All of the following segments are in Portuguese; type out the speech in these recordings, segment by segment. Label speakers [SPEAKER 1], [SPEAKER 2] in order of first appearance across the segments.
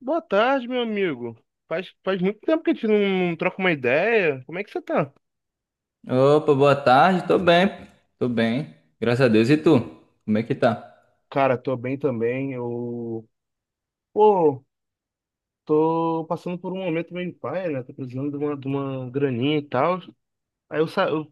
[SPEAKER 1] Boa tarde, meu amigo. Faz muito tempo que a gente não troca uma ideia. Como é que você tá?
[SPEAKER 2] Opa, boa tarde, tô bem, graças a Deus. E tu? Como é que tá?
[SPEAKER 1] Cara, tô bem também. Pô, tô passando por um momento meio paia, né? Tô precisando de uma graninha e tal. Aí eu, sa- eu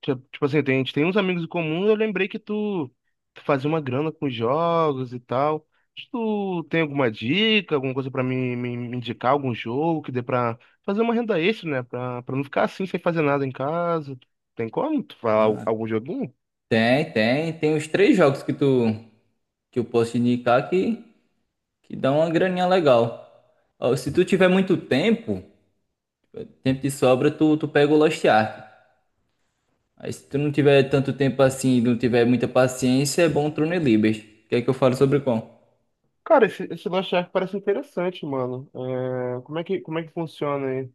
[SPEAKER 1] ti- tipo assim, tem- A gente tem uns amigos em comum, eu lembrei que tu fazia uma grana com jogos e tal. Tu tem alguma dica, alguma coisa pra me indicar, algum jogo que dê pra fazer uma renda extra, né? Pra não ficar assim sem fazer nada em casa. Tem como tu falar
[SPEAKER 2] Ah,
[SPEAKER 1] algum joguinho?
[SPEAKER 2] tem os três jogos que tu que eu posso te indicar que dão uma graninha legal. Ó, se tu tiver muito tempo, tempo de sobra, tu pega o Lost Ark. Aí se tu não tiver tanto tempo assim, não tiver muita paciência, é bom o Throne Libers. Quer que eu fale sobre qual?
[SPEAKER 1] Cara, esse Lost Ark parece interessante, mano. É, como é que funciona aí?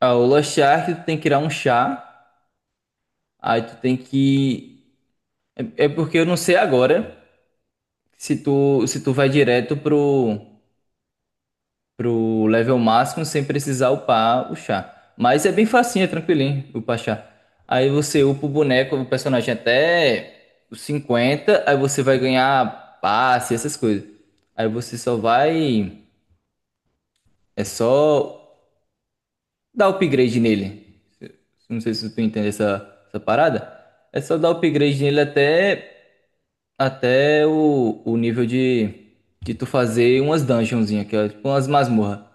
[SPEAKER 2] Ah, o Lost Ark, tu tem que tirar um chá, aí tu tem que... É porque eu não sei agora se tu vai direto pro level máximo sem precisar upar o chá. Mas é bem facinho, é tranquilinho upar chá. Aí você upa o boneco, o personagem até os 50, aí você vai ganhar passe, essas coisas. Aí você só vai. É só dar upgrade nele. Não sei se tu entende essa parada. É só dar upgrade nele até o nível de tu fazer umas dungeonzinhas, que é tipo umas masmorras.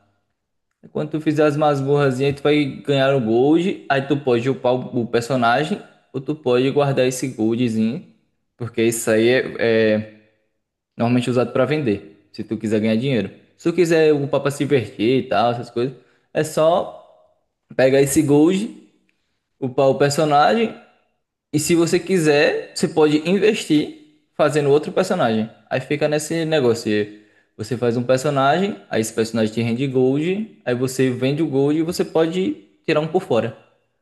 [SPEAKER 2] Quando tu fizer as masmorrazinhas, tu vai ganhar o gold. Aí tu pode upar o personagem, ou tu pode guardar esse goldzinho. Porque isso aí é normalmente usado para vender, se tu quiser ganhar dinheiro. Se tu quiser upar pra se divertir e tal, essas coisas, é só pegar esse gold, upar o personagem. E se você quiser, você pode investir fazendo outro personagem. Aí fica nesse negócio. E você faz um personagem, aí esse personagem te rende gold, aí você vende o gold e você pode tirar um por fora. Não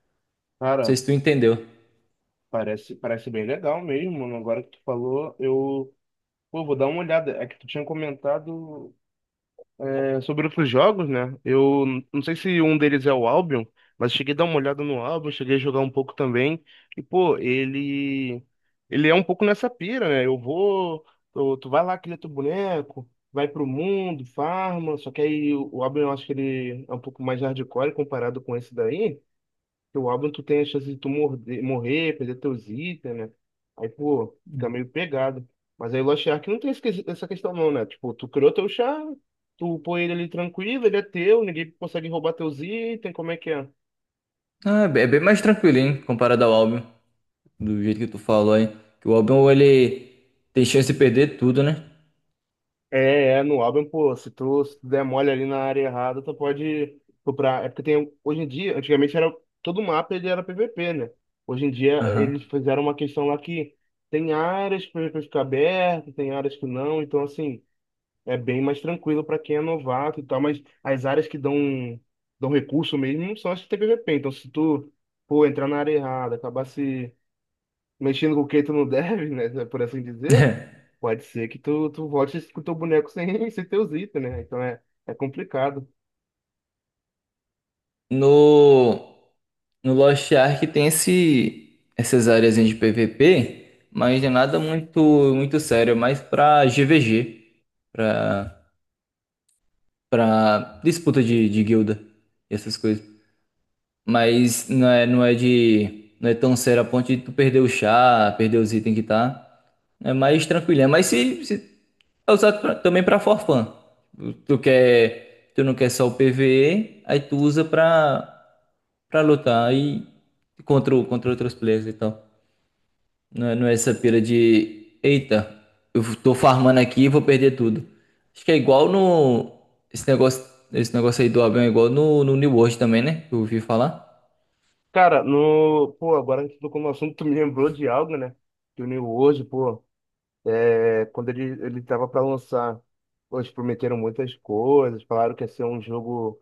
[SPEAKER 2] sei
[SPEAKER 1] Cara,
[SPEAKER 2] se tu entendeu.
[SPEAKER 1] parece bem legal mesmo, mano. Agora que tu falou, eu. Pô, vou dar uma olhada. É que tu tinha comentado. É, sobre outros jogos, né? Eu não sei se um deles é o Albion, mas cheguei a dar uma olhada no Albion, cheguei a jogar um pouco também. E, pô, ele é um pouco nessa pira, né? Tu, tu vai lá, cria teu boneco, vai pro mundo, farma, só que aí o Albion eu acho que ele é um pouco mais hardcore comparado com esse daí. Teu álbum, tu tem a chance de tu morrer, perder teus itens, né? Aí, pô, fica meio pegado. Mas aí o Lost Ark não tem essa questão não, né? Tipo, tu criou teu char, tu põe ele ali tranquilo, ele é teu, ninguém consegue roubar teus itens, como é que é?
[SPEAKER 2] Ah, é bem mais tranquilo, hein? Comparado ao álbum. Do jeito que tu falou aí, que o álbum ele tem chance de perder tudo, né?
[SPEAKER 1] No álbum, pô, se tu der mole ali na área errada, tu pode comprar. É porque tem, hoje em dia, antigamente era, todo mapa ele era PVP, né? Hoje em dia
[SPEAKER 2] Aham.
[SPEAKER 1] eles fizeram uma questão lá que tem áreas que o PVP fica aberto, tem áreas que não, então assim é bem mais tranquilo para quem é novato e tal, mas as áreas dão recurso mesmo são as que tem PVP. Então, se tu, pô, entrar na área errada, acabar se mexendo com o que tu não deve, né, por assim dizer, pode ser que tu volte com o teu boneco sem, sem teus itens, né? Então é complicado.
[SPEAKER 2] No. No Lost Ark tem essas áreas de PVP, mas é nada muito, muito sério, é mais pra GVG, pra, pra disputa de guilda e essas coisas. Mas não é, não é de. Não é tão sério a ponto de tu perder o chá, perder os itens que tá. É mais tranquilo. Mas se é usado também pra forfã. Tu não quer só o PvE, aí tu usa pra lutar e contra outros players e tal. Não é, não é essa pira de: eita, eu tô farmando aqui e vou perder tudo. Acho que é igual no. Esse negócio, esse negócio aí do avião é igual no New World também, né? Eu ouvi falar.
[SPEAKER 1] Cara, no, pô, agora que tu tocou no assunto, tu me lembrou de algo, né? Que o New World, pô, é, quando ele tava para lançar, pô, eles prometeram muitas coisas, falaram que ia ser um jogo.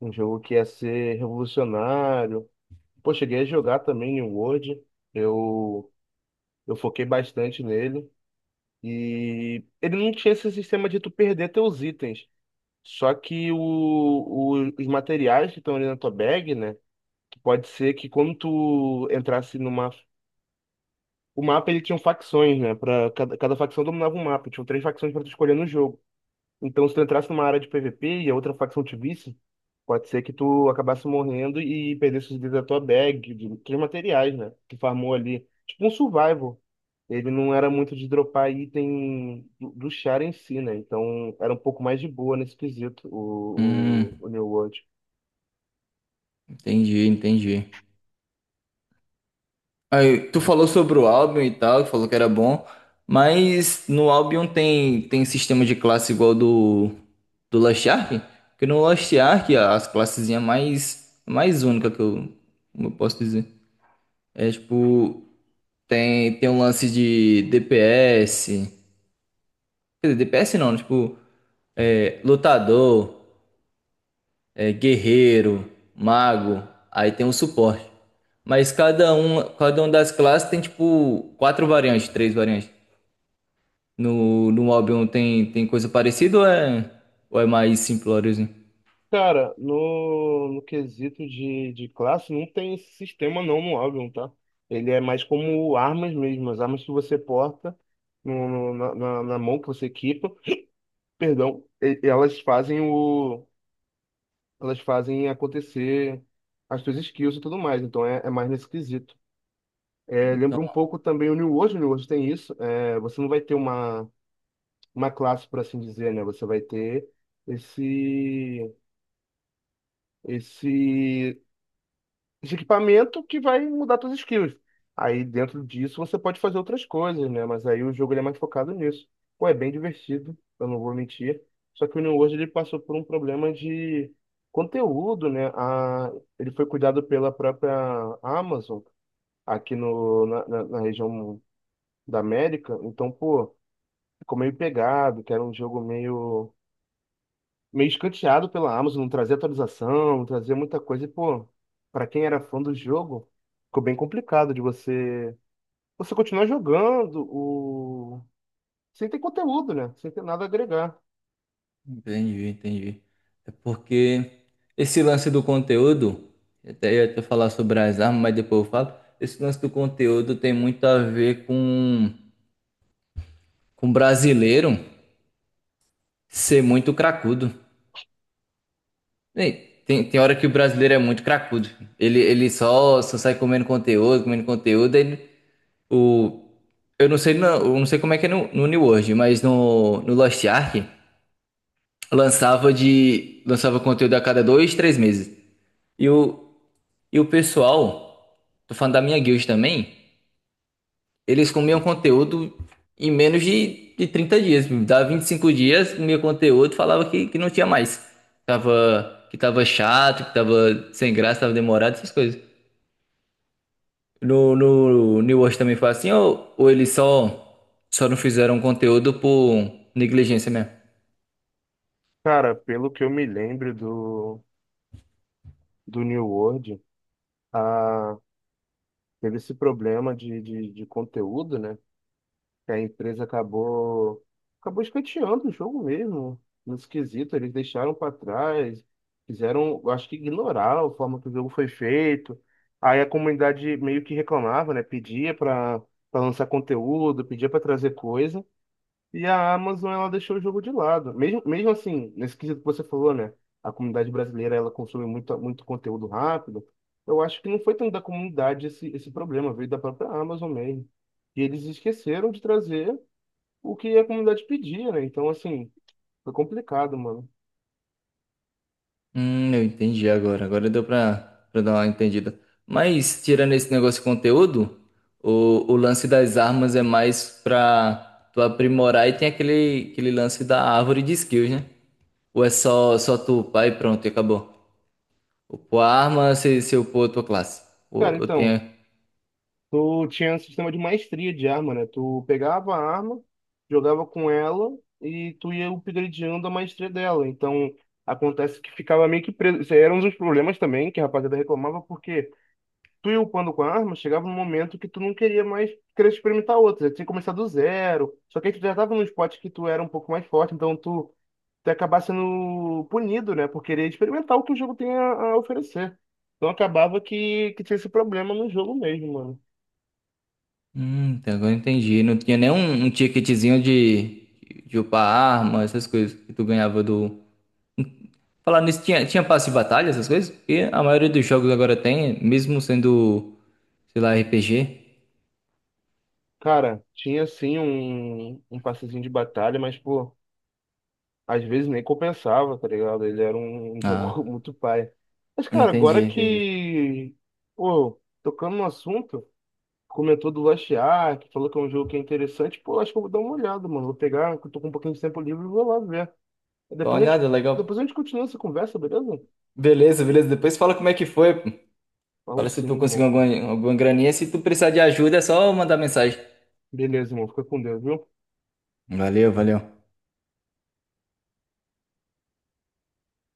[SPEAKER 1] Um jogo que ia ser revolucionário. Pô, cheguei a jogar também em World. Eu, eu foquei bastante nele. E ele não tinha esse sistema de tu perder teus itens. Só que os materiais que estão ali na tua bag, né? Que pode ser que quando tu entrasse numa. O mapa ele tinha um facções, né? Pra cada facção dominava um mapa. Tinham três facções pra tu escolher no jogo. Então, se tu entrasse numa área de PVP e a outra facção te visse, pode ser que tu acabasse morrendo e perdesse os itens da tua bag, de teus materiais, né? Que farmou ali. Tipo um survival. Ele não era muito de dropar item do char em si, né? Então, era um pouco mais de boa nesse quesito,
[SPEAKER 2] Hum,
[SPEAKER 1] o New World.
[SPEAKER 2] entendi, entendi. Aí, tu falou sobre o Albion e tal, falou que era bom, mas no Albion tem sistema de classe igual do Lost Ark? Porque no Lost Ark as classezinha mais única, que eu, como eu posso dizer. É tipo tem um lance de DPS, quer dizer, DPS não, tipo é, lutador, é, guerreiro, mago, aí tem o suporte. Mas cada uma das classes tem tipo quatro variantes, três variantes. No Albion tem coisa parecida, ou é mais simplóriozinho?
[SPEAKER 1] Cara, no, no quesito de classe, não tem esse sistema não no Albion, tá? Ele é mais como armas mesmo, as armas que você porta na mão que você equipa. Perdão, elas fazem o, elas fazem acontecer as suas skills e tudo mais, então é mais nesse quesito. É, lembra um pouco também o New World tem isso, é, você não vai ter uma classe, por assim dizer, né? Você vai ter esse, esse de equipamento que vai mudar suas skills. Aí dentro disso você pode fazer outras coisas, né? Mas aí o jogo ele é mais focado nisso. Pô, é bem divertido, eu não vou mentir. Só que o New World ele passou por um problema de conteúdo, né? A, ele foi cuidado pela própria Amazon aqui no, na, na, na região da América. Então, pô, ficou meio pegado, que era um jogo meio escanteado pela Amazon, não trazia atualização, não trazia muita coisa. E, pô, pra quem era fã do jogo, ficou bem complicado de você continuar jogando o... sem ter conteúdo, né? Sem ter nada a agregar.
[SPEAKER 2] Entendi, entendi. É porque esse lance do conteúdo, eu até ia até falar sobre as armas, mas depois eu falo. Esse lance do conteúdo tem muito a ver com brasileiro ser muito cracudo. Ei, tem hora que o brasileiro é muito cracudo. Ele só sai comendo conteúdo, comendo conteúdo. O, eu não sei, não, eu não sei como é que é no New World, mas no Lost Ark lançava de lançava conteúdo a cada dois, três meses. E o, e o pessoal, tô falando da minha guild também, eles comiam conteúdo em menos de 30 dias. Dava 25 dias, comia conteúdo, falava que não tinha mais. Que tava chato, que tava sem graça, tava demorado, essas coisas. No New World também foi assim, ou eles só não fizeram conteúdo por negligência mesmo?
[SPEAKER 1] Cara, pelo que eu me lembro do New World, a... teve esse problema de conteúdo, né? Que a empresa acabou escanteando o jogo mesmo, no esquisito, eles deixaram para trás, fizeram, eu acho que ignorar a forma que o jogo foi feito. Aí a comunidade meio que reclamava, né, pedia para lançar conteúdo, pedia para trazer coisa, e a Amazon ela deixou o jogo de lado. Mesmo assim, nesse quesito que você falou, né, a comunidade brasileira ela consome muito conteúdo rápido. Eu acho que não foi tanto da comunidade esse problema, veio da própria Amazon mesmo. E eles esqueceram de trazer o que a comunidade pedia, né? Então, assim, foi complicado, mano.
[SPEAKER 2] Eu entendi agora. Agora deu pra dar uma entendida. Mas, tirando esse negócio de conteúdo, o lance das armas é mais pra tu aprimorar, e tem aquele lance da árvore de skills, né? Ou é só tu upar e pronto, e acabou. Upou a arma, você upou a tua classe.
[SPEAKER 1] Cara,
[SPEAKER 2] Ou
[SPEAKER 1] então,
[SPEAKER 2] tem.
[SPEAKER 1] tu tinha um sistema de maestria de arma, né? Tu pegava a arma, jogava com ela e tu ia upgradeando a maestria dela. Então, acontece que ficava meio que preso. Isso aí era um dos problemas também que a rapaziada reclamava, porque tu ia upando com a arma, chegava um momento que tu não queria mais querer experimentar outra. Tinha que começar do zero. Só que aí tu já tava num spot que tu era um pouco mais forte, então tu até acabar sendo punido, né, por querer experimentar o que o jogo tem a oferecer. Então acabava que tinha esse problema no jogo mesmo, mano.
[SPEAKER 2] Então agora eu entendi. Não tinha nem um ticketzinho de upar arma, essas coisas que tu ganhava do. Falar nisso, tinha passe de batalha, essas coisas? Porque a maioria dos jogos agora tem, mesmo sendo, sei lá, RPG.
[SPEAKER 1] Cara, tinha sim um passezinho de batalha, mas, pô, às vezes nem compensava, tá ligado? Ele era um jogo
[SPEAKER 2] Ah,
[SPEAKER 1] muito pai. Mas, cara,
[SPEAKER 2] entendi,
[SPEAKER 1] agora
[SPEAKER 2] entendi.
[SPEAKER 1] que, pô, tocando no assunto, comentou do Lost Ark, falou que é um jogo que é interessante, pô, acho que eu vou dar uma olhada, mano. Vou pegar, que eu tô com um pouquinho de tempo livre e vou lá ver.
[SPEAKER 2] Tô
[SPEAKER 1] Depois a gente,
[SPEAKER 2] olhada, legal.
[SPEAKER 1] depois a gente continua essa conversa, beleza?
[SPEAKER 2] Beleza, beleza. Depois fala como é que foi, pô.
[SPEAKER 1] Ou
[SPEAKER 2] Fala se tu
[SPEAKER 1] sim,
[SPEAKER 2] conseguiu
[SPEAKER 1] irmão.
[SPEAKER 2] alguma graninha. Se tu precisar de ajuda, é só mandar mensagem.
[SPEAKER 1] Beleza, irmão. Fica com Deus, viu?
[SPEAKER 2] Valeu, valeu.